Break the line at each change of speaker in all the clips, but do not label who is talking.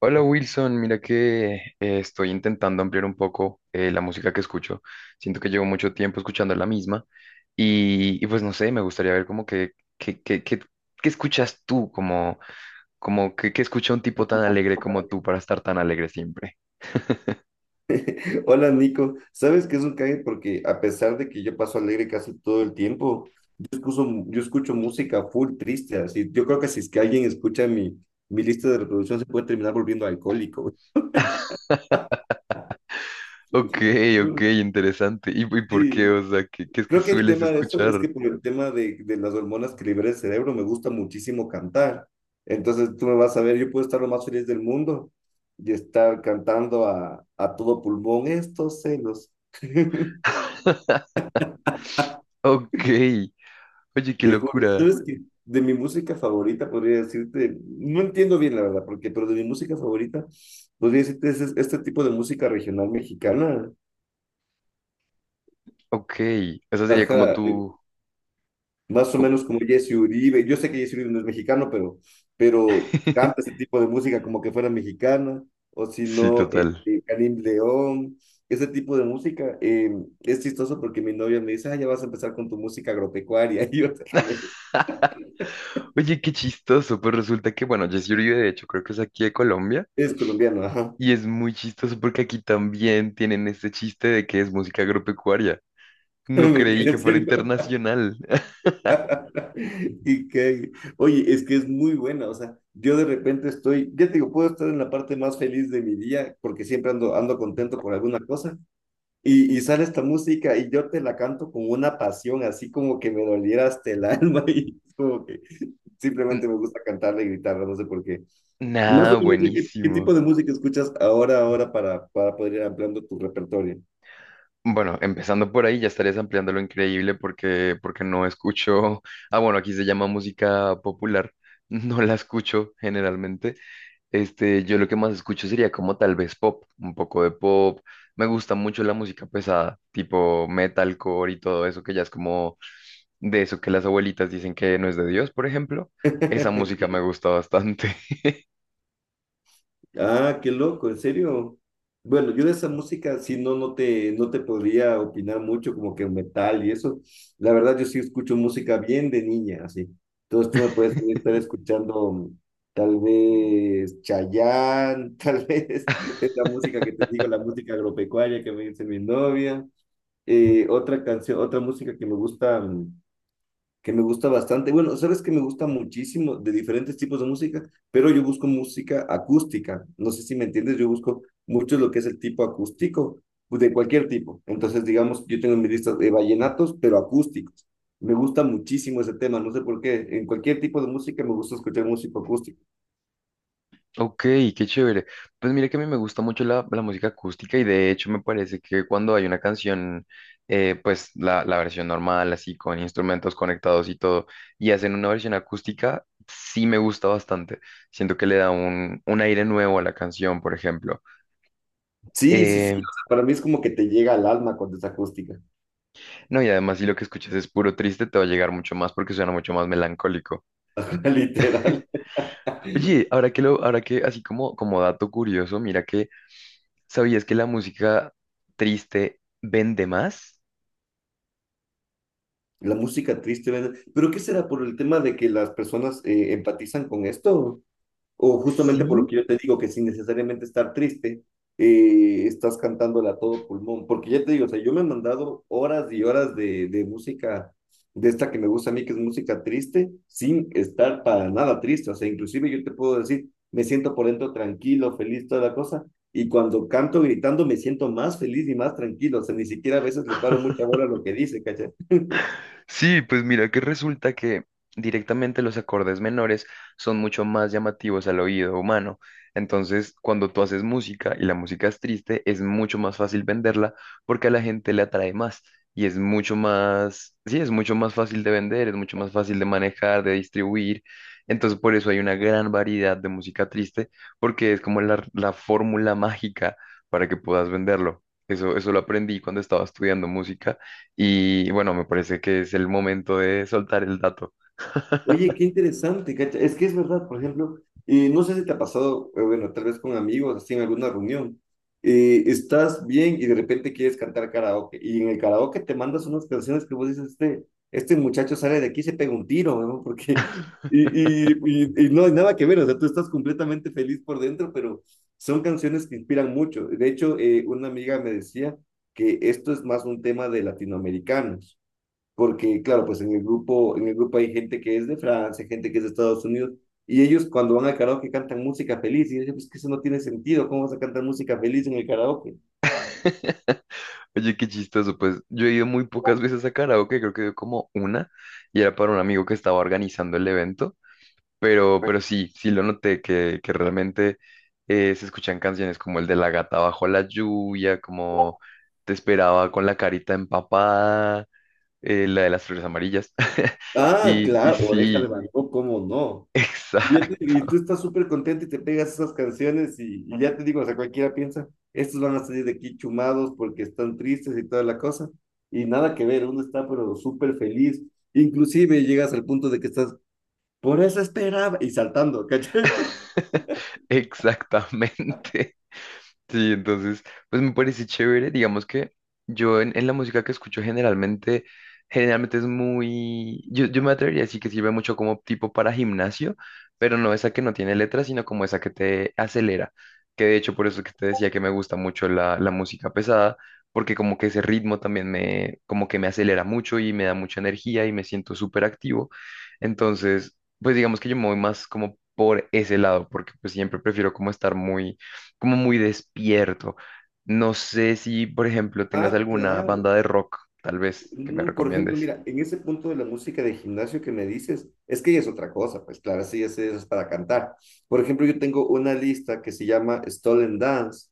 Hola Wilson, mira que estoy intentando ampliar un poco la música que escucho. Siento que llevo mucho tiempo escuchando la misma y pues no sé, me gustaría ver como que, que, que- qué escuchas tú, como, como que escucha un tipo tan alegre como tú para estar tan alegre siempre.
Hola Nico, ¿sabes qué es un cague? Porque a pesar de que yo paso alegre casi todo el tiempo, yo escucho música full triste, así. Yo creo que si es que alguien escucha mi lista de reproducción se puede terminar volviendo alcohólico.
Ok,
No,
ok, interesante. ¿Y por qué?
sí,
O sea, ¿qué es que
creo que el
sueles
tema de eso es
escuchar?
que por el tema de las hormonas que libera el cerebro me gusta muchísimo cantar. Entonces tú me vas a ver, yo puedo estar lo más feliz del mundo y estar cantando a todo pulmón estos celos.
Ok, oye, qué
Te juro,
locura.
¿sabes qué? De mi música favorita podría decirte, no entiendo bien la verdad, porque, pero de mi música favorita podría decirte este tipo de música regional mexicana.
Ok, esa sería como
Ajá,
tú...
más o
como-
menos como Jesse Uribe. Yo sé que Jesse Uribe no es mexicano, pero canta ese tipo de música como que fuera mexicana, o si
Sí,
no,
total.
Karim León, ese tipo de música. Es chistoso porque mi novia me dice, ah, ya vas a empezar con tu música agropecuaria. Y yo, "Déjame,
Oye, qué chistoso, pues resulta que, bueno, Jessy Uribe de hecho creo que es aquí de Colombia
es colombiano, ajá.
y es muy chistoso porque aquí también tienen este chiste de que es música agropecuaria. No creí
Mentira,
que
en
fuera
serio.
internacional.
Y que, oye, es que es muy buena, o sea, yo de repente estoy, ya te digo, puedo estar en la parte más feliz de mi día porque siempre ando contento por alguna cosa y sale esta música y yo te la canto con una pasión, así como que me doliera hasta el alma y es como que
N-
simplemente me gusta cantarla y gritarla, no sé por qué. Más
Nada,
o menos, ¿ qué
buenísimo.
tipo de música escuchas ahora para poder ir ampliando tu repertorio?
Bueno, empezando por ahí ya estarías ampliando lo increíble porque no escucho, ah, bueno, aquí se llama música popular, no la escucho generalmente. Este, yo lo que más escucho sería como tal vez pop, un poco de pop. Me gusta mucho la música pesada, tipo metalcore y todo eso, que ya es como de eso que las abuelitas dicen que no es de Dios, por ejemplo. Esa música me gusta bastante.
Ah, qué loco, en serio. Bueno, yo de esa música sí no, no te podría opinar mucho, como que metal y eso. La verdad, yo sí escucho música bien de niña, así. Entonces tú me puedes estar escuchando tal vez Chayanne, tal vez esa música que te digo, la música agropecuaria que me dice mi novia. Otra canción, otra música que me gusta. Que me gusta bastante. Bueno, sabes que me gusta muchísimo de diferentes tipos de música, pero yo busco música acústica. No sé si me entiendes, yo busco mucho lo que es el tipo acústico, pues, de cualquier tipo. Entonces, digamos, yo tengo en mi lista de vallenatos, pero acústicos. Me gusta muchísimo ese tema, no sé por qué. En cualquier tipo de música me gusta escuchar música acústica.
Ok, qué chévere. Pues mira que a mí me gusta mucho la música acústica y de hecho me parece que cuando hay una canción, pues la versión normal, así con instrumentos conectados y todo, y hacen una versión acústica, sí me gusta bastante. Siento que le da un aire nuevo a la canción, por ejemplo.
Sí, sí, sí,
Eh,
o sea, para mí es como que te llega al alma cuando es acústica,
no, y además si lo que escuchas es puro triste, te va a llegar mucho más porque suena mucho más melancólico.
literal.
Oye, ahora que lo, ahora que, así como, como dato curioso, mira que, ¿sabías que la música triste vende más?
La música triste, ¿verdad? ¿Pero qué será por el tema de que las personas empatizan con esto? O justamente por lo
Sí.
que yo te digo, que sin necesariamente estar triste, estás cantándola a todo pulmón, porque ya te digo, o sea, yo me he mandado horas y horas de música, de esta que me gusta a mí, que es música triste, sin estar para nada triste, o sea, inclusive yo te puedo decir, me siento por dentro tranquilo, feliz, toda la cosa, y cuando canto gritando me siento más feliz y más tranquilo, o sea, ni siquiera a veces le paro mucha bola a lo que dice, ¿cachai?
Sí, pues mira que resulta que directamente los acordes menores son mucho más llamativos al oído humano. Entonces, cuando tú haces música y la música es triste, es mucho más fácil venderla porque a la gente le atrae más y es mucho más, sí, es mucho más fácil de vender, es mucho más fácil de manejar, de distribuir. Entonces, por eso hay una gran variedad de música triste porque es como la fórmula mágica para que puedas venderlo. Eso lo aprendí cuando estaba estudiando música. Y bueno, me parece que es el momento de soltar el dato.
Oye, qué interesante, cacha. Es que es verdad, por ejemplo, no sé si te ha pasado, bueno, tal vez con amigos, así en alguna reunión, estás bien y de repente quieres cantar karaoke, y en el karaoke te mandas unas canciones que vos dices, este muchacho sale de aquí y se pega un tiro, ¿no? Porque, y no hay nada que ver, o sea, tú estás completamente feliz por dentro, pero son canciones que inspiran mucho. De hecho, una amiga me decía que esto es más un tema de latinoamericanos porque claro, pues en el grupo hay gente que es de Francia, gente que es de Estados Unidos, y ellos cuando van al karaoke cantan música feliz, y yo decía, pues que eso no tiene sentido, ¿cómo vas a cantar música feliz en el karaoke?
Oye, qué chistoso, pues yo he ido muy pocas veces a karaoke, creo que he ido como una, y era para un amigo que estaba organizando el evento, pero sí, sí lo noté, que realmente se escuchan canciones como el de La gata bajo la lluvia, como Te esperaba con la carita empapada, la de las flores amarillas,
Ah,
y
claro, Oreja de
sí,
Van Gogh, ¿cómo no? Y tú
exacto,
estás súper contento y te pegas esas canciones y ya te digo, o sea, cualquiera piensa, estos van a salir de aquí chumados porque están tristes y toda la cosa, y nada que ver, uno está pero súper feliz, inclusive llegas al punto de que estás, por eso esperaba, y saltando, ¿cachai?
exactamente. Sí, entonces, pues me parece chévere, digamos que yo en la música que escucho generalmente, generalmente es muy, yo me atrevería a decir que sirve mucho como tipo para gimnasio, pero no esa que no tiene letras, sino como esa que te acelera, que de hecho por eso que te decía que me gusta mucho la música pesada, porque como que ese ritmo también me, como que me acelera mucho y me da mucha energía y me siento súper activo, entonces, pues digamos que yo me voy más como por ese lado, porque pues siempre prefiero como estar muy como muy despierto. No sé si, por ejemplo, tengas
Ah,
alguna
claro.
banda de rock, tal vez, que me
No, por ejemplo,
recomiendes.
mira, en ese punto de la música de gimnasio que me dices, es que ya es otra cosa, pues claro, sí, eso es para cantar. Por ejemplo, yo tengo una lista que se llama Stolen Dance,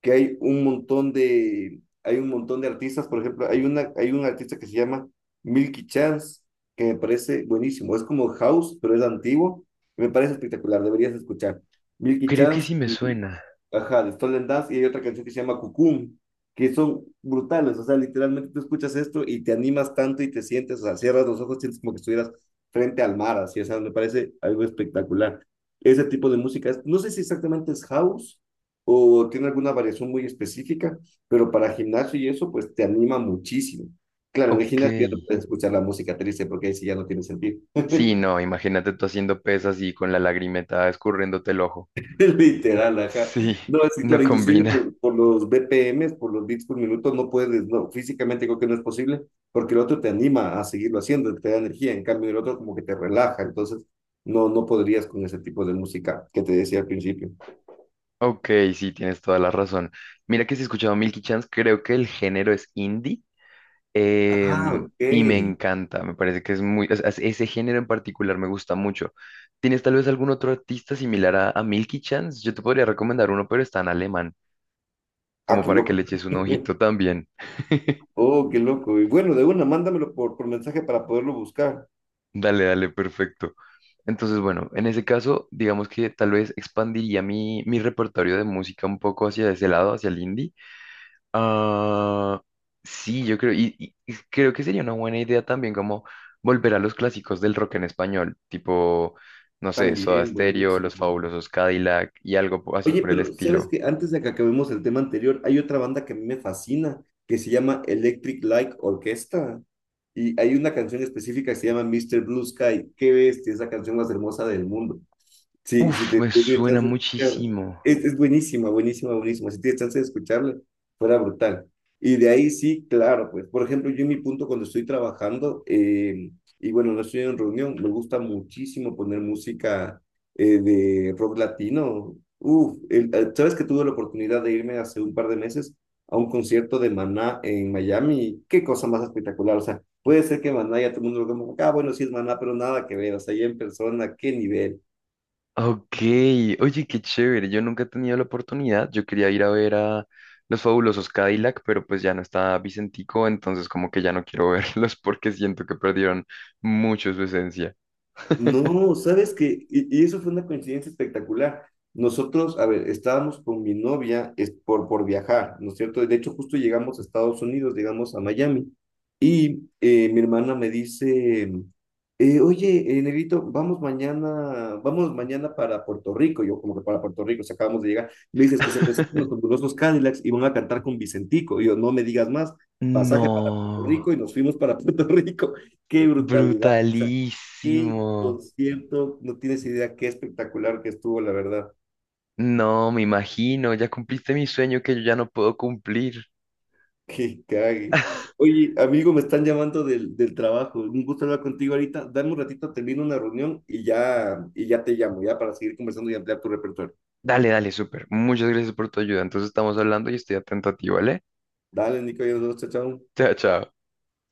que hay un montón de, hay un montón de artistas, por ejemplo, hay una, hay un artista que se llama Milky Chance, que me parece buenísimo, es como house, pero es antiguo, y me parece espectacular, deberías escuchar. Milky
Creo que
Chance,
sí me suena.
ajá, de Stolen Dance, y hay otra canción que se llama Cucum, que son brutales, o sea, literalmente tú escuchas esto y te animas tanto y te sientes, o sea, cierras los ojos, sientes como que estuvieras frente al mar, así, o sea, me parece algo espectacular. Ese tipo de música, no sé si exactamente es house o tiene alguna variación muy específica, pero para gimnasio y eso, pues te anima muchísimo. Claro, en el
Ok.
gimnasio ya no puedes escuchar la música triste porque ahí sí ya no tiene sentido.
Sí, no, imagínate tú haciendo pesas y con la lagrimeta escurriéndote el ojo.
Literal, ajá.
Sí,
No, sí,
no
claro, inclusive
combina.
por los BPMs, por los bits por minuto, no puedes, no, físicamente creo que no es posible, porque el otro te anima a seguirlo haciendo, te da energía, en cambio el otro como que te relaja, entonces no, no podrías con ese tipo de música que te decía al principio.
Ok, sí, tienes toda la razón. Mira que si he escuchado Milky Chance, creo que el género es indie.
Ah,
Em, y me
ok.
encanta, me parece que es muy, o sea, ese género en particular me gusta mucho. ¿Tienes tal vez algún otro artista similar a Milky Chance? Yo te podría recomendar uno, pero está en alemán,
Ah,
como
qué
para que
loco.
le eches un ojito también.
Oh, qué loco. Y bueno, de una, mándamelo por mensaje para poderlo buscar.
Dale, dale, perfecto. Entonces, bueno, en ese caso, digamos que tal vez expandiría mi, mi repertorio de música un poco hacia ese lado, hacia el indie. Ah, sí, yo creo, y creo que sería una buena idea también como volver a los clásicos del rock en español, tipo, no sé, Soda
También,
Stereo, Los
buenísimo.
Fabulosos Cadillac y algo así
Oye,
por el
pero sabes
estilo.
que antes de que acabemos el tema anterior, hay otra banda que a mí me fascina, que se llama Electric Light Orchestra. Y hay una canción específica que se llama Mr. Blue Sky. Qué bestia, es la canción más hermosa del mundo. Sí,
Uf, me
si tienes
suena
chance de escucharla.
muchísimo.
Es buenísima, buenísima, buenísima. Si tienes chance de escucharla, fuera brutal. Y de ahí sí, claro, pues, por ejemplo, yo en mi punto cuando estoy trabajando, y bueno, no estoy en reunión, me gusta muchísimo poner música de rock latino. Uf, sabes que tuve la oportunidad de irme hace un par de meses a un concierto de Maná en Miami. Qué cosa más espectacular. O sea, puede ser que Maná ya todo el mundo lo como, ah, bueno, sí es Maná, pero nada que ver. O sea, ya en persona, qué nivel.
Ok, oye, qué chévere, yo nunca he tenido la oportunidad, yo quería ir a ver a Los Fabulosos Cadillac, pero pues ya no está Vicentico, entonces como que ya no quiero verlos porque siento que perdieron mucho su esencia.
No, sabes que, y eso fue una coincidencia espectacular. Nosotros, a ver, estábamos con mi novia es por viajar, ¿no es cierto? De hecho, justo llegamos a Estados Unidos, llegamos a Miami, y mi hermana me dice, oye, Negrito, vamos mañana para Puerto Rico, yo como que para Puerto Rico, si acabamos de llegar, me dices que se presentan los fabulosos Cadillacs y van a cantar con Vicentico, y yo, no me digas más, pasaje para Puerto
No,
Rico, y nos fuimos para Puerto Rico, qué brutalidad. Qué
brutalísimo.
concierto, no tienes idea qué espectacular que estuvo, la verdad.
No, me imagino, ya cumpliste mi sueño que yo ya no puedo cumplir.
Qué cague. Oye, amigo, me están llamando del trabajo. Un gusto hablar contigo ahorita. Dame un ratito, termino una reunión y ya te llamo, ya para seguir conversando y ampliar tu repertorio.
Dale, dale, súper. Muchas gracias por tu ayuda. Entonces estamos hablando y estoy atento a ti, ¿vale?
Dale, Nico, ya nos vemos, chao, chao.
Chao, chao.